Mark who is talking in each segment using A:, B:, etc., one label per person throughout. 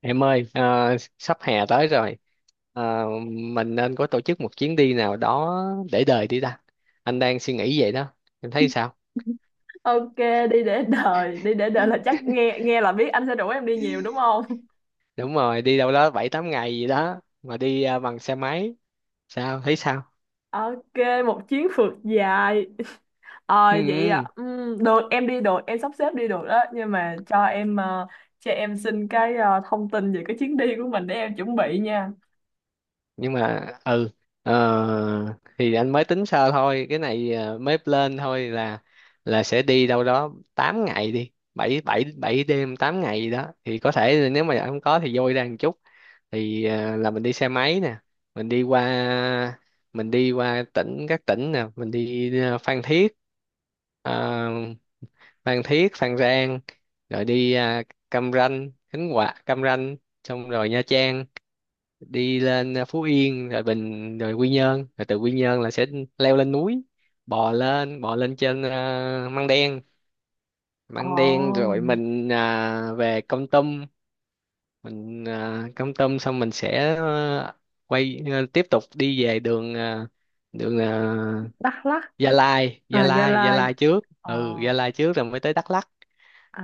A: Em ơi, sắp hè tới rồi, à, mình nên có tổ chức một chuyến đi nào đó để đời đi ta. Anh đang suy nghĩ vậy đó, em thấy sao?
B: Ok, đi để đời là chắc nghe nghe là biết anh sẽ rủ em đi nhiều đúng không?
A: Đúng rồi, đi đâu đó 7 8 ngày gì đó, mà đi bằng xe máy, sao, thấy sao?
B: Ok, một chuyến phượt dài. Ờ
A: Ừ,
B: vậy à.
A: ừ.
B: Ừ, được em đi được, em sắp xếp đi được đó, nhưng mà cho cho em xin thông tin về cái chuyến đi của mình để em chuẩn bị nha.
A: Nhưng mà, ừ, thì anh mới tính sơ thôi, cái này mới lên thôi là sẽ đi đâu đó 8 ngày đi, 7 7 7 đêm 8 ngày gì đó. Thì có thể là nếu mà anh không có thì vui ra một chút. Thì là mình đi xe máy nè, mình đi qua mình đi qua các tỉnh nè, mình đi Phan Thiết, à, Phan Rang, rồi đi Cam Ranh, Khánh Hòa Cam Ranh, xong rồi Nha Trang, đi lên Phú Yên, rồi Quy Nhơn, rồi từ Quy Nhơn là sẽ leo lên núi, bò lên trên Măng Đen.
B: Ồ,
A: Rồi mình về Kon Tum, mình cắm tâm xong mình sẽ quay tiếp tục đi về đường đường à,
B: Đắk Lắk,
A: Gia Lai.
B: à Gia Lai.
A: Trước
B: Ồ,
A: ừ, Gia Lai trước rồi mới tới Đắk Lắk,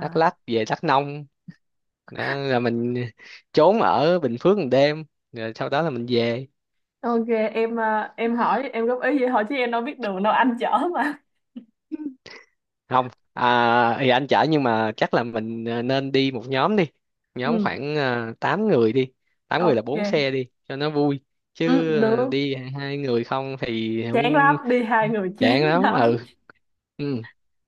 A: Về Đắk Nông, đó là mình trốn ở Bình Phước 1 đêm rồi sau đó là mình về.
B: Ok, em hỏi, em góp ý vậy thôi chứ em đâu biết đường đâu, anh chở mà.
A: Không, thì anh chở nhưng mà chắc là mình nên đi một nhóm đi, nhóm
B: Ừ,
A: khoảng 8 người đi, tám người là 4
B: ok.
A: xe đi cho nó vui,
B: Ừ,
A: chứ
B: được.
A: đi 2 người không thì
B: Chán lắm,
A: không,
B: đi hai người chán
A: chán lắm
B: lắm.
A: ừ ừ.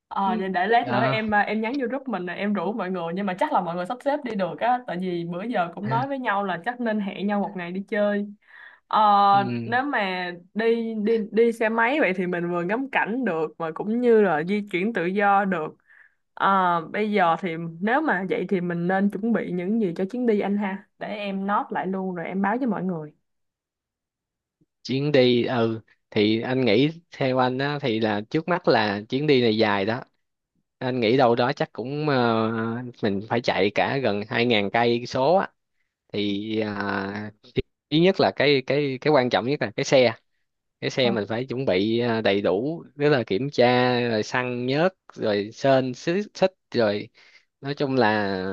B: Ờ Vậy để lát nữa
A: Đó.
B: em nhắn vô group mình rồi em rủ mọi người, nhưng mà chắc là mọi người sắp xếp đi được á, tại vì bữa giờ cũng
A: À,
B: nói với nhau là chắc nên hẹn nhau một ngày đi chơi. ờ
A: ừ.
B: Nếu mà đi đi đi xe máy vậy thì mình vừa ngắm cảnh được mà cũng như là di chuyển tự do được. Bây giờ thì nếu mà vậy thì mình nên chuẩn bị những gì cho chuyến đi anh ha, để em note lại luôn rồi em báo với mọi người.
A: Chuyến đi ừ thì anh nghĩ theo anh á thì là trước mắt là chuyến đi này dài đó, anh nghĩ đâu đó chắc cũng mình phải chạy cả gần 2000 cây số á. Thì thứ nhất là cái quan trọng nhất là cái xe, cái
B: Ờ.
A: xe mình phải chuẩn bị đầy đủ, tức là kiểm tra rồi xăng nhớt rồi sên, xích rồi, nói chung là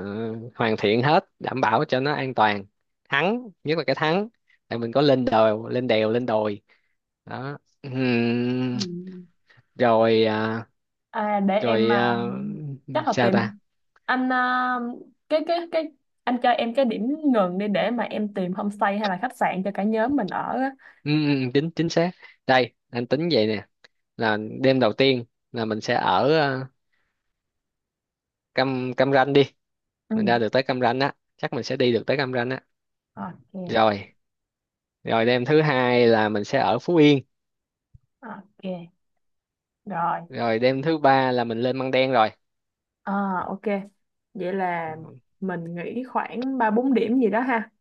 A: hoàn thiện hết đảm bảo cho nó an toàn. Thắng, nhất là cái thắng, tại mình có lên đèo, lên đồi đó. Ừm,
B: Ừ.
A: rồi
B: À, để em
A: rồi
B: à, chắc là
A: sao ta.
B: tìm anh à, cái anh cho em cái điểm ngừng đi, để mà em tìm homestay hay là khách sạn cho cả nhóm mình ở á.
A: Chính chính xác, đây anh tính vậy nè, là đêm đầu tiên là mình sẽ ở Cam Cam Ranh đi,
B: Ừ.
A: mình ra được tới Cam Ranh á, chắc mình sẽ đi được tới Cam Ranh á,
B: Ok,
A: rồi. Rồi đêm thứ hai là mình sẽ ở Phú Yên,
B: ok. Rồi.
A: rồi đêm thứ ba là mình lên Măng Đen rồi.
B: À, ok. Vậy là mình nghĩ khoảng 3 4 điểm gì đó ha.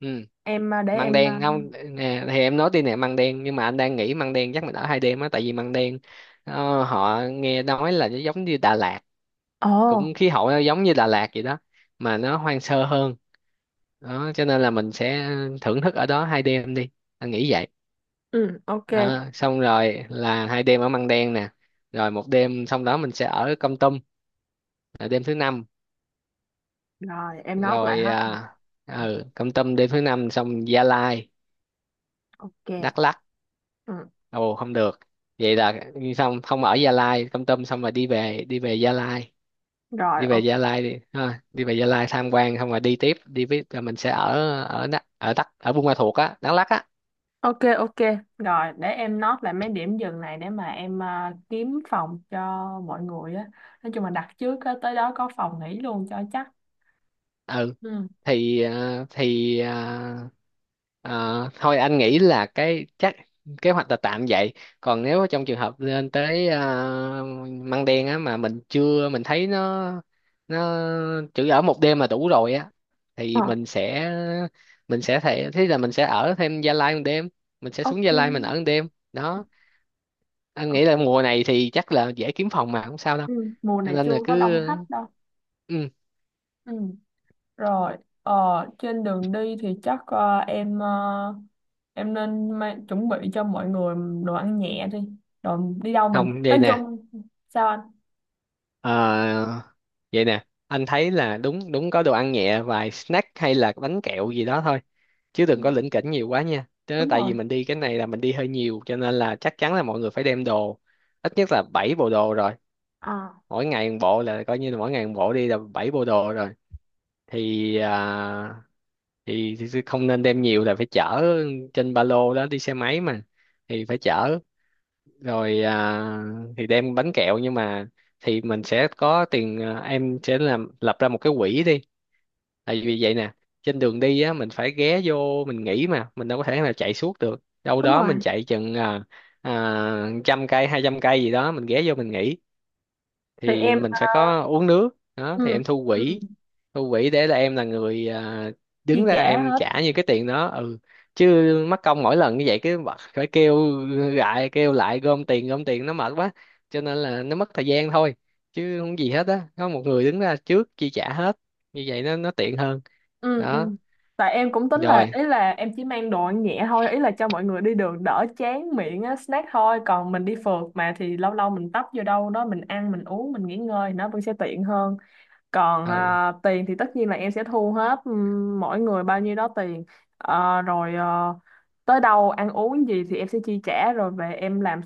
A: Ừ,
B: Em à, để
A: Măng
B: em à,
A: Đen không nè, thì em nói đi nè, Măng Đen nhưng mà anh đang nghĩ Măng Đen chắc mình ở 2 đêm á, tại vì Măng Đen, họ nghe nói là nó giống như Đà Lạt,
B: Ồ,
A: cũng khí hậu nó giống như Đà Lạt vậy đó, mà nó hoang sơ hơn. Đó cho nên là mình sẽ thưởng thức ở đó 2 đêm đi, anh nghĩ vậy.
B: ừ, ok.
A: Đó, xong rồi là 2 đêm ở Măng Đen nè, rồi một đêm xong đó mình sẽ ở Kon Tum, là đêm thứ năm.
B: Rồi, em nói lại
A: Rồi
B: hết ha.
A: ừ, Kon Tum đêm thứ năm xong Gia Lai,
B: Ok.
A: Đắk Lắk.
B: Ừ.
A: Ồ không được, vậy là xong không ở Gia Lai, Kon Tum xong rồi đi về, Gia Lai.
B: Rồi,
A: Đi về
B: ok.
A: Gia Lai đi ha, đi về Gia Lai tham quan xong rồi đi tiếp đi, với rồi mình sẽ ở, ở Đắk ở Buôn Ma Thuột á, Đắk Lắk á.
B: Ok, ok, rồi để em note lại mấy điểm dừng này, để mà kiếm phòng cho mọi người á, nói chung là đặt trước á, tới đó có phòng nghỉ luôn cho chắc.
A: Ừ
B: Ừ.
A: thì ờ, thôi anh nghĩ là cái chắc kế hoạch là tạm vậy. Còn nếu trong trường hợp lên tới Măng Đen á mà mình chưa, mình thấy nó chỉ ở 1 đêm là đủ rồi á,
B: Ờ,
A: thì mình sẽ thế là mình sẽ ở thêm Gia Lai 1 đêm, mình sẽ xuống Gia Lai mình
B: ok.
A: ở một đêm. Đó, anh nghĩ là mùa này thì chắc là dễ kiếm phòng mà không sao đâu,
B: Ừ. Mùa
A: cho
B: này
A: nên
B: chưa
A: là
B: có đông
A: cứ
B: khách đâu.
A: ừ.
B: Ừ. Rồi. ờ, Trên đường đi thì chắc em nên chuẩn bị cho mọi người đồ ăn nhẹ đi, rồi đi đâu mình
A: Không vậy
B: nói
A: nè.
B: chung sao anh.
A: Ờ, vậy nè, anh thấy là đúng đúng có đồ ăn nhẹ vài snack hay là bánh kẹo gì đó thôi, chứ
B: Ừ,
A: đừng có lỉnh kỉnh nhiều quá nha. Chứ
B: đúng
A: tại
B: rồi.
A: vì mình đi cái này là mình đi hơi nhiều cho nên là chắc chắn là mọi người phải đem đồ ít nhất là 7 bộ đồ rồi.
B: Ờ,
A: Mỗi ngày một bộ, là coi như là mỗi ngày một bộ đi là 7 bộ đồ rồi. Thì, thì không nên đem nhiều là phải chở trên ba lô đó, đi xe máy mà thì phải chở. Rồi thì đem bánh kẹo nhưng mà thì mình sẽ có tiền, em sẽ làm lập ra một cái quỹ đi, tại vì vậy nè, trên đường đi á mình phải ghé vô mình nghỉ, mà mình đâu có thể nào chạy suốt được đâu
B: đúng
A: đó, mình
B: rồi.
A: chạy chừng 100 cây 200 cây gì đó mình ghé vô mình nghỉ,
B: Thì
A: thì
B: em
A: mình phải
B: ờ,
A: có uống nước đó thì
B: ừ.
A: em thu
B: Ừ.
A: quỹ, thu quỹ để là em là người
B: Chia
A: đứng ra
B: sẻ
A: em
B: hết.
A: trả như cái tiền đó, ừ, chứ mắc công mỗi lần như vậy cái bật phải kêu lại, gom tiền, nó mệt quá, cho nên là nó mất thời gian thôi, chứ không gì hết á, có một người đứng ra trước chi trả hết, như vậy nó tiện hơn.
B: Ừ,
A: Đó
B: ừ. Tại em cũng tính là,
A: rồi
B: ý là em chỉ mang đồ ăn nhẹ thôi, ý là cho mọi người đi đường đỡ chán miệng á, snack thôi, còn mình đi phượt mà, thì lâu lâu mình tấp vô đâu đó mình ăn mình uống mình nghỉ ngơi nó vẫn sẽ tiện hơn. còn
A: ừ.
B: à, tiền thì tất nhiên là em sẽ thu hết, mỗi người bao nhiêu đó tiền. Rồi, tới đâu ăn uống gì thì em sẽ chi trả, rồi về em làm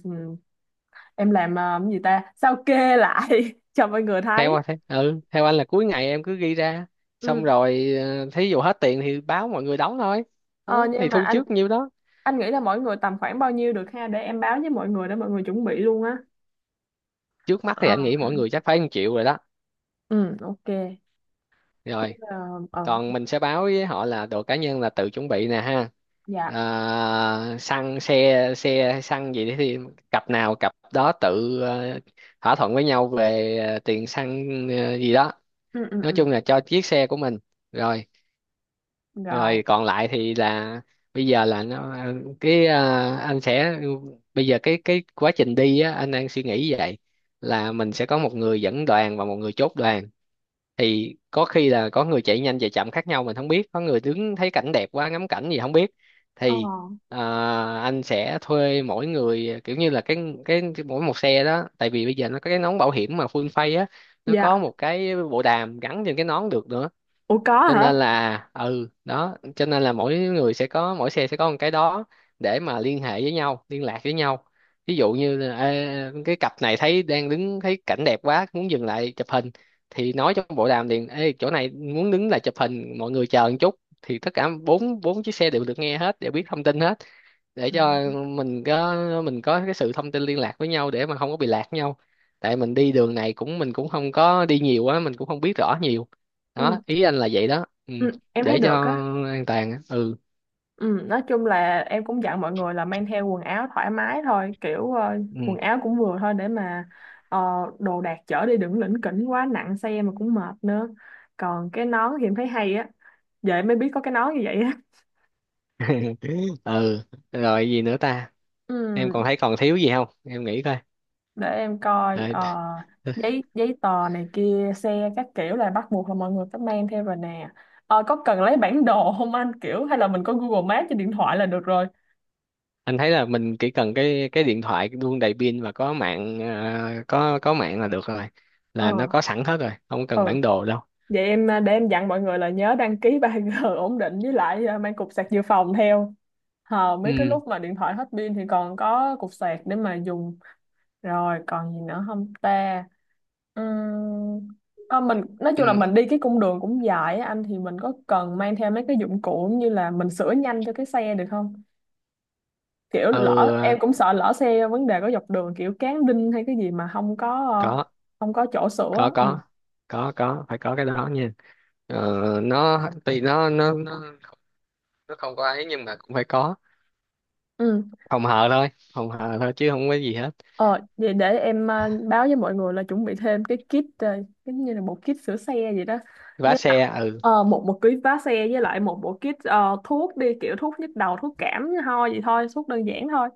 B: em làm ờ, cái gì ta, sao kê lại cho mọi người
A: Theo
B: thấy.
A: anh ừ, theo anh là cuối ngày em cứ ghi ra, xong
B: Ừ.
A: rồi thí dụ hết tiền thì báo mọi người đóng thôi.
B: Ờ,
A: Đó, thì
B: nhưng mà
A: thu
B: anh
A: trước nhiêu đó.
B: anh nghĩ là mỗi người tầm khoảng bao nhiêu được ha, để em báo với mọi người để mọi người chuẩn bị luôn á.
A: Trước mắt thì
B: Ờ,
A: anh nghĩ mỗi người chắc phải 1 triệu rồi đó.
B: ừ, ok. Chứ,
A: Rồi
B: ờ ờ,
A: còn mình sẽ báo với họ là đồ cá nhân là tự chuẩn bị nè ha.
B: dạ.
A: À, xăng xe xe hay xăng gì đấy thì cặp nào cặp đó tự thỏa thuận với nhau về tiền xăng gì đó,
B: Ừ, ừ,
A: nói
B: ừ.
A: chung là cho chiếc xe của mình. Rồi,
B: Rồi.
A: rồi còn lại thì là bây giờ là nó anh sẽ bây giờ cái quá trình đi á anh đang suy nghĩ vậy, là mình sẽ có một người dẫn đoàn và một người chốt đoàn. Thì có khi là có người chạy nhanh chạy chậm khác nhau, mình không biết, có người đứng thấy cảnh đẹp quá ngắm cảnh gì không biết.
B: Ờ.
A: Thì à, anh sẽ thuê mỗi người kiểu như là cái mỗi một xe đó, tại vì bây giờ nó có cái nón bảo hiểm mà full face á, nó có
B: Dạ.
A: một cái bộ đàm gắn trên cái nón được nữa,
B: Ủa, có
A: cho
B: hả?
A: nên là ừ đó, cho nên là mỗi xe sẽ có một cái đó, để mà liên hệ với nhau, liên lạc với nhau. Ví dụ như là, ê, cái cặp này thấy đang đứng thấy cảnh đẹp quá muốn dừng lại chụp hình, thì nói trong bộ đàm liền, ê, chỗ này muốn đứng lại chụp hình mọi người chờ một chút. Thì tất cả bốn 4 chiếc xe đều được nghe hết, đều biết thông tin hết, để
B: Ừ.
A: cho mình có mình có cái sự thông tin liên lạc với nhau để mà không có bị lạc nhau. Tại mình đi đường này cũng, mình cũng không có đi nhiều á, mình cũng không biết rõ nhiều.
B: Ừ,
A: Đó, ý anh là vậy đó ừ.
B: ừ, em thấy
A: Để cho
B: được á.
A: an toàn á. Ừ
B: Ừ, nói chung là em cũng dặn mọi người là mang theo quần áo thoải mái thôi, kiểu ờ,
A: ừ
B: quần áo cũng vừa thôi để mà ờ, đồ đạc chở đi đừng lỉnh kỉnh quá, nặng xe mà cũng mệt nữa. Còn cái nón thì em thấy hay á, vậy mới biết có cái nón như vậy á.
A: ừ, rồi gì nữa ta. Em còn
B: Ừ.
A: thấy còn thiếu gì không, em nghĩ coi.
B: để em coi
A: Rồi,
B: ờ, giấy giấy tờ này kia xe các kiểu là bắt buộc là mọi người phải mang theo rồi nè. Ờ, có cần lấy bản đồ không anh, kiểu hay là mình có Google Maps trên điện thoại là được rồi.
A: anh thấy là mình chỉ cần cái điện thoại luôn đầy pin và có mạng, có mạng là được rồi,
B: Ờ.
A: là nó có sẵn hết rồi, không
B: Ừ.
A: cần bản đồ đâu.
B: Vậy để em dặn mọi người là nhớ đăng ký ba g ổn định, với lại ờ, mang cục sạc dự phòng theo. Ờ, mấy cái
A: Ừ
B: lúc mà điện thoại hết pin thì còn có cục sạc để mà dùng. Rồi còn gì nữa không ta? Uhm, à, mình nói
A: ừ
B: chung là mình đi cái cung đường cũng dài á anh, thì mình có cần mang theo mấy cái dụng cụ như là mình sửa nhanh cho cái xe được không? Kiểu
A: ừ,
B: lỡ em cũng sợ lỡ xe vấn đề có dọc đường, kiểu cán đinh hay cái gì mà không có ờ,
A: có
B: không có chỗ
A: có
B: sửa. Ừ.
A: có có, phải có cái đó nha. Ờ, nó tuy nó không có ấy nhưng mà cũng phải có
B: Ừ.
A: phòng hờ thôi, phòng hờ thôi chứ không có gì hết.
B: Để em báo với mọi người là chuẩn bị thêm cái kit giống như là một kit sửa xe vậy đó,
A: Vá
B: với
A: xe
B: lại
A: ừ,
B: ờ, một một ký vá xe, với lại một bộ kit thuốc đi, kiểu thuốc nhức đầu thuốc cảm ho gì thôi, thuốc đơn giản thôi,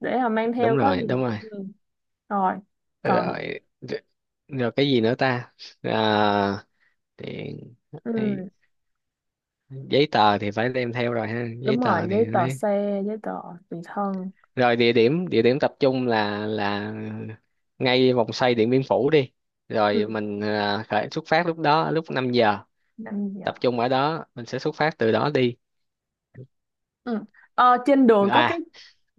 B: để mà mang theo
A: đúng
B: có
A: rồi,
B: gì.
A: đúng rồi.
B: Ừ. Rồi.
A: Rồi
B: Còn
A: rồi, rồi cái gì nữa ta, à, tiền hay
B: ừ,
A: giấy tờ thì phải đem theo rồi ha, giấy
B: đúng
A: tờ
B: rồi,
A: thì
B: giấy tờ
A: nói.
B: xe giấy tờ tùy thân.
A: Rồi địa điểm, tập trung là ngay vòng xoay Điện Biên Phủ đi, rồi
B: Ừ.
A: mình à, khởi xuất phát lúc 5 giờ,
B: 5 giờ.
A: tập trung ở đó mình sẽ xuất phát từ đó đi.
B: Ừ. Ờ, trên đường có cái
A: à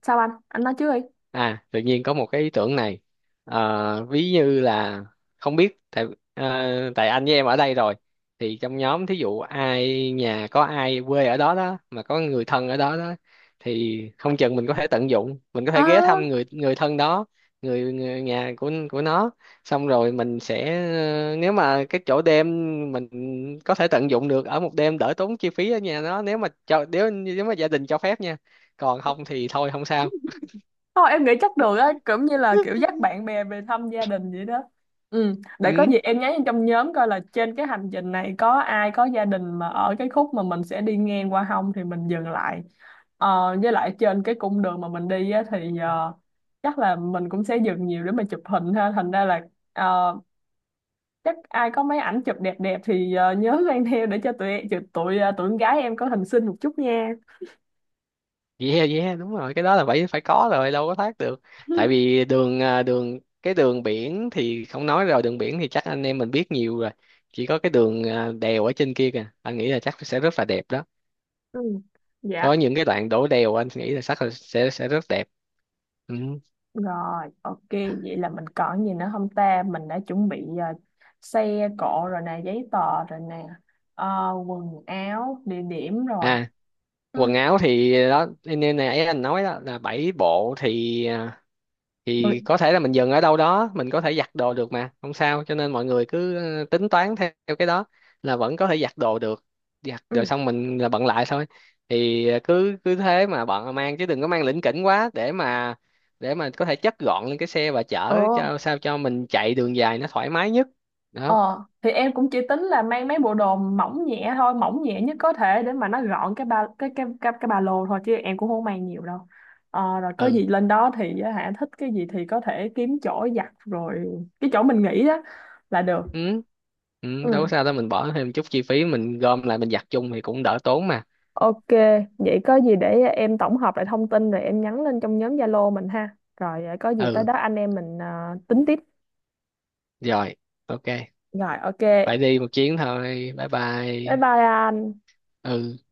B: sao anh nói trước đi.
A: À, tự nhiên có một cái ý tưởng này. Ờ, ví như là không biết tại, tại anh với em ở đây rồi, thì trong nhóm thí dụ ai nhà có ai quê ở đó đó mà có người thân ở đó đó, thì không chừng mình có thể tận dụng, mình có thể ghé
B: Ờ.
A: thăm người người thân đó, người nhà của nó. Xong rồi mình sẽ nếu mà cái chỗ đêm mình có thể tận dụng được ở một đêm đỡ tốn chi phí ở nhà nó, nếu mà cho, nếu nếu mà gia đình cho phép nha. Còn không thì thôi không sao.
B: Thôi em nghĩ chắc được á, cũng như là kiểu dắt bạn bè về thăm gia đình vậy đó. Ừ, để có
A: Ừ.
B: gì em nhắn vô trong nhóm coi là trên cái hành trình này có ai có gia đình mà ở cái khúc mà mình sẽ đi ngang qua không, thì mình dừng lại. Ờ, với lại trên cái cung đường mà mình đi á, thì ờ, chắc là mình cũng sẽ dừng nhiều để mà chụp hình ha. Thành ra là ờ, chắc ai có mấy ảnh chụp đẹp đẹp thì ờ, nhớ mang theo để cho tụi tụi tụi, ờ, tụi con gái em có hình xinh một chút nha.
A: Yeah yeah, đúng rồi, cái đó là phải phải có rồi đâu có thoát được. Tại vì đường đường cái đường biển thì không nói rồi, đường biển thì chắc anh em mình biết nhiều rồi. Chỉ có cái đường đèo ở trên kia kìa anh nghĩ là chắc sẽ rất là đẹp đó,
B: Ừ.
A: có
B: Dạ.
A: những cái đoạn đổ đèo anh nghĩ là chắc là sẽ rất đẹp. Ừ.
B: Rồi, ok, vậy là mình còn gì nữa không ta? Mình đã chuẩn bị ờ, xe cộ rồi nè, giấy tờ rồi nè, ờ, quần áo, địa điểm rồi.
A: À quần
B: Ừ.
A: áo thì đó, nên nãy anh nói đó là 7 bộ thì
B: Rồi.
A: thì có thể là mình dừng ở đâu đó mình có thể giặt đồ được mà không sao, cho nên mọi người cứ tính toán theo theo cái đó, là vẫn có thể giặt đồ được, giặt
B: Ừ.
A: rồi xong mình là bận lại thôi. Thì cứ cứ thế mà bận mang, chứ đừng có mang lỉnh kỉnh quá, để mà có thể chất gọn lên cái xe và chở
B: ờ,
A: cho sao cho mình chạy đường dài nó thoải mái nhất. Đó
B: ờ, thì em cũng chỉ tính là mang mấy bộ đồ mỏng nhẹ thôi, mỏng nhẹ nhất có thể, để mà nó gọn cái ba lô thôi, chứ em cũng không mang nhiều đâu. Ờ, rồi có
A: ừ.
B: gì lên đó thì á hả, thích cái gì thì có thể kiếm chỗ giặt rồi cái chỗ mình nghĩ đó là được.
A: Ừ, ừ đâu có
B: Ừ.
A: sao đâu, mình bỏ thêm chút chi phí mình gom lại mình giặt chung thì cũng đỡ tốn mà.
B: Ok, vậy có gì để em tổng hợp lại thông tin rồi em nhắn lên trong nhóm Zalo mình ha. Rồi, có gì tới
A: Ừ
B: đó anh em mình ờ, tính tiếp.
A: rồi ok,
B: Rồi ok.
A: phải đi một chuyến thôi, bye
B: Bye
A: bye
B: bye anh.
A: ừ.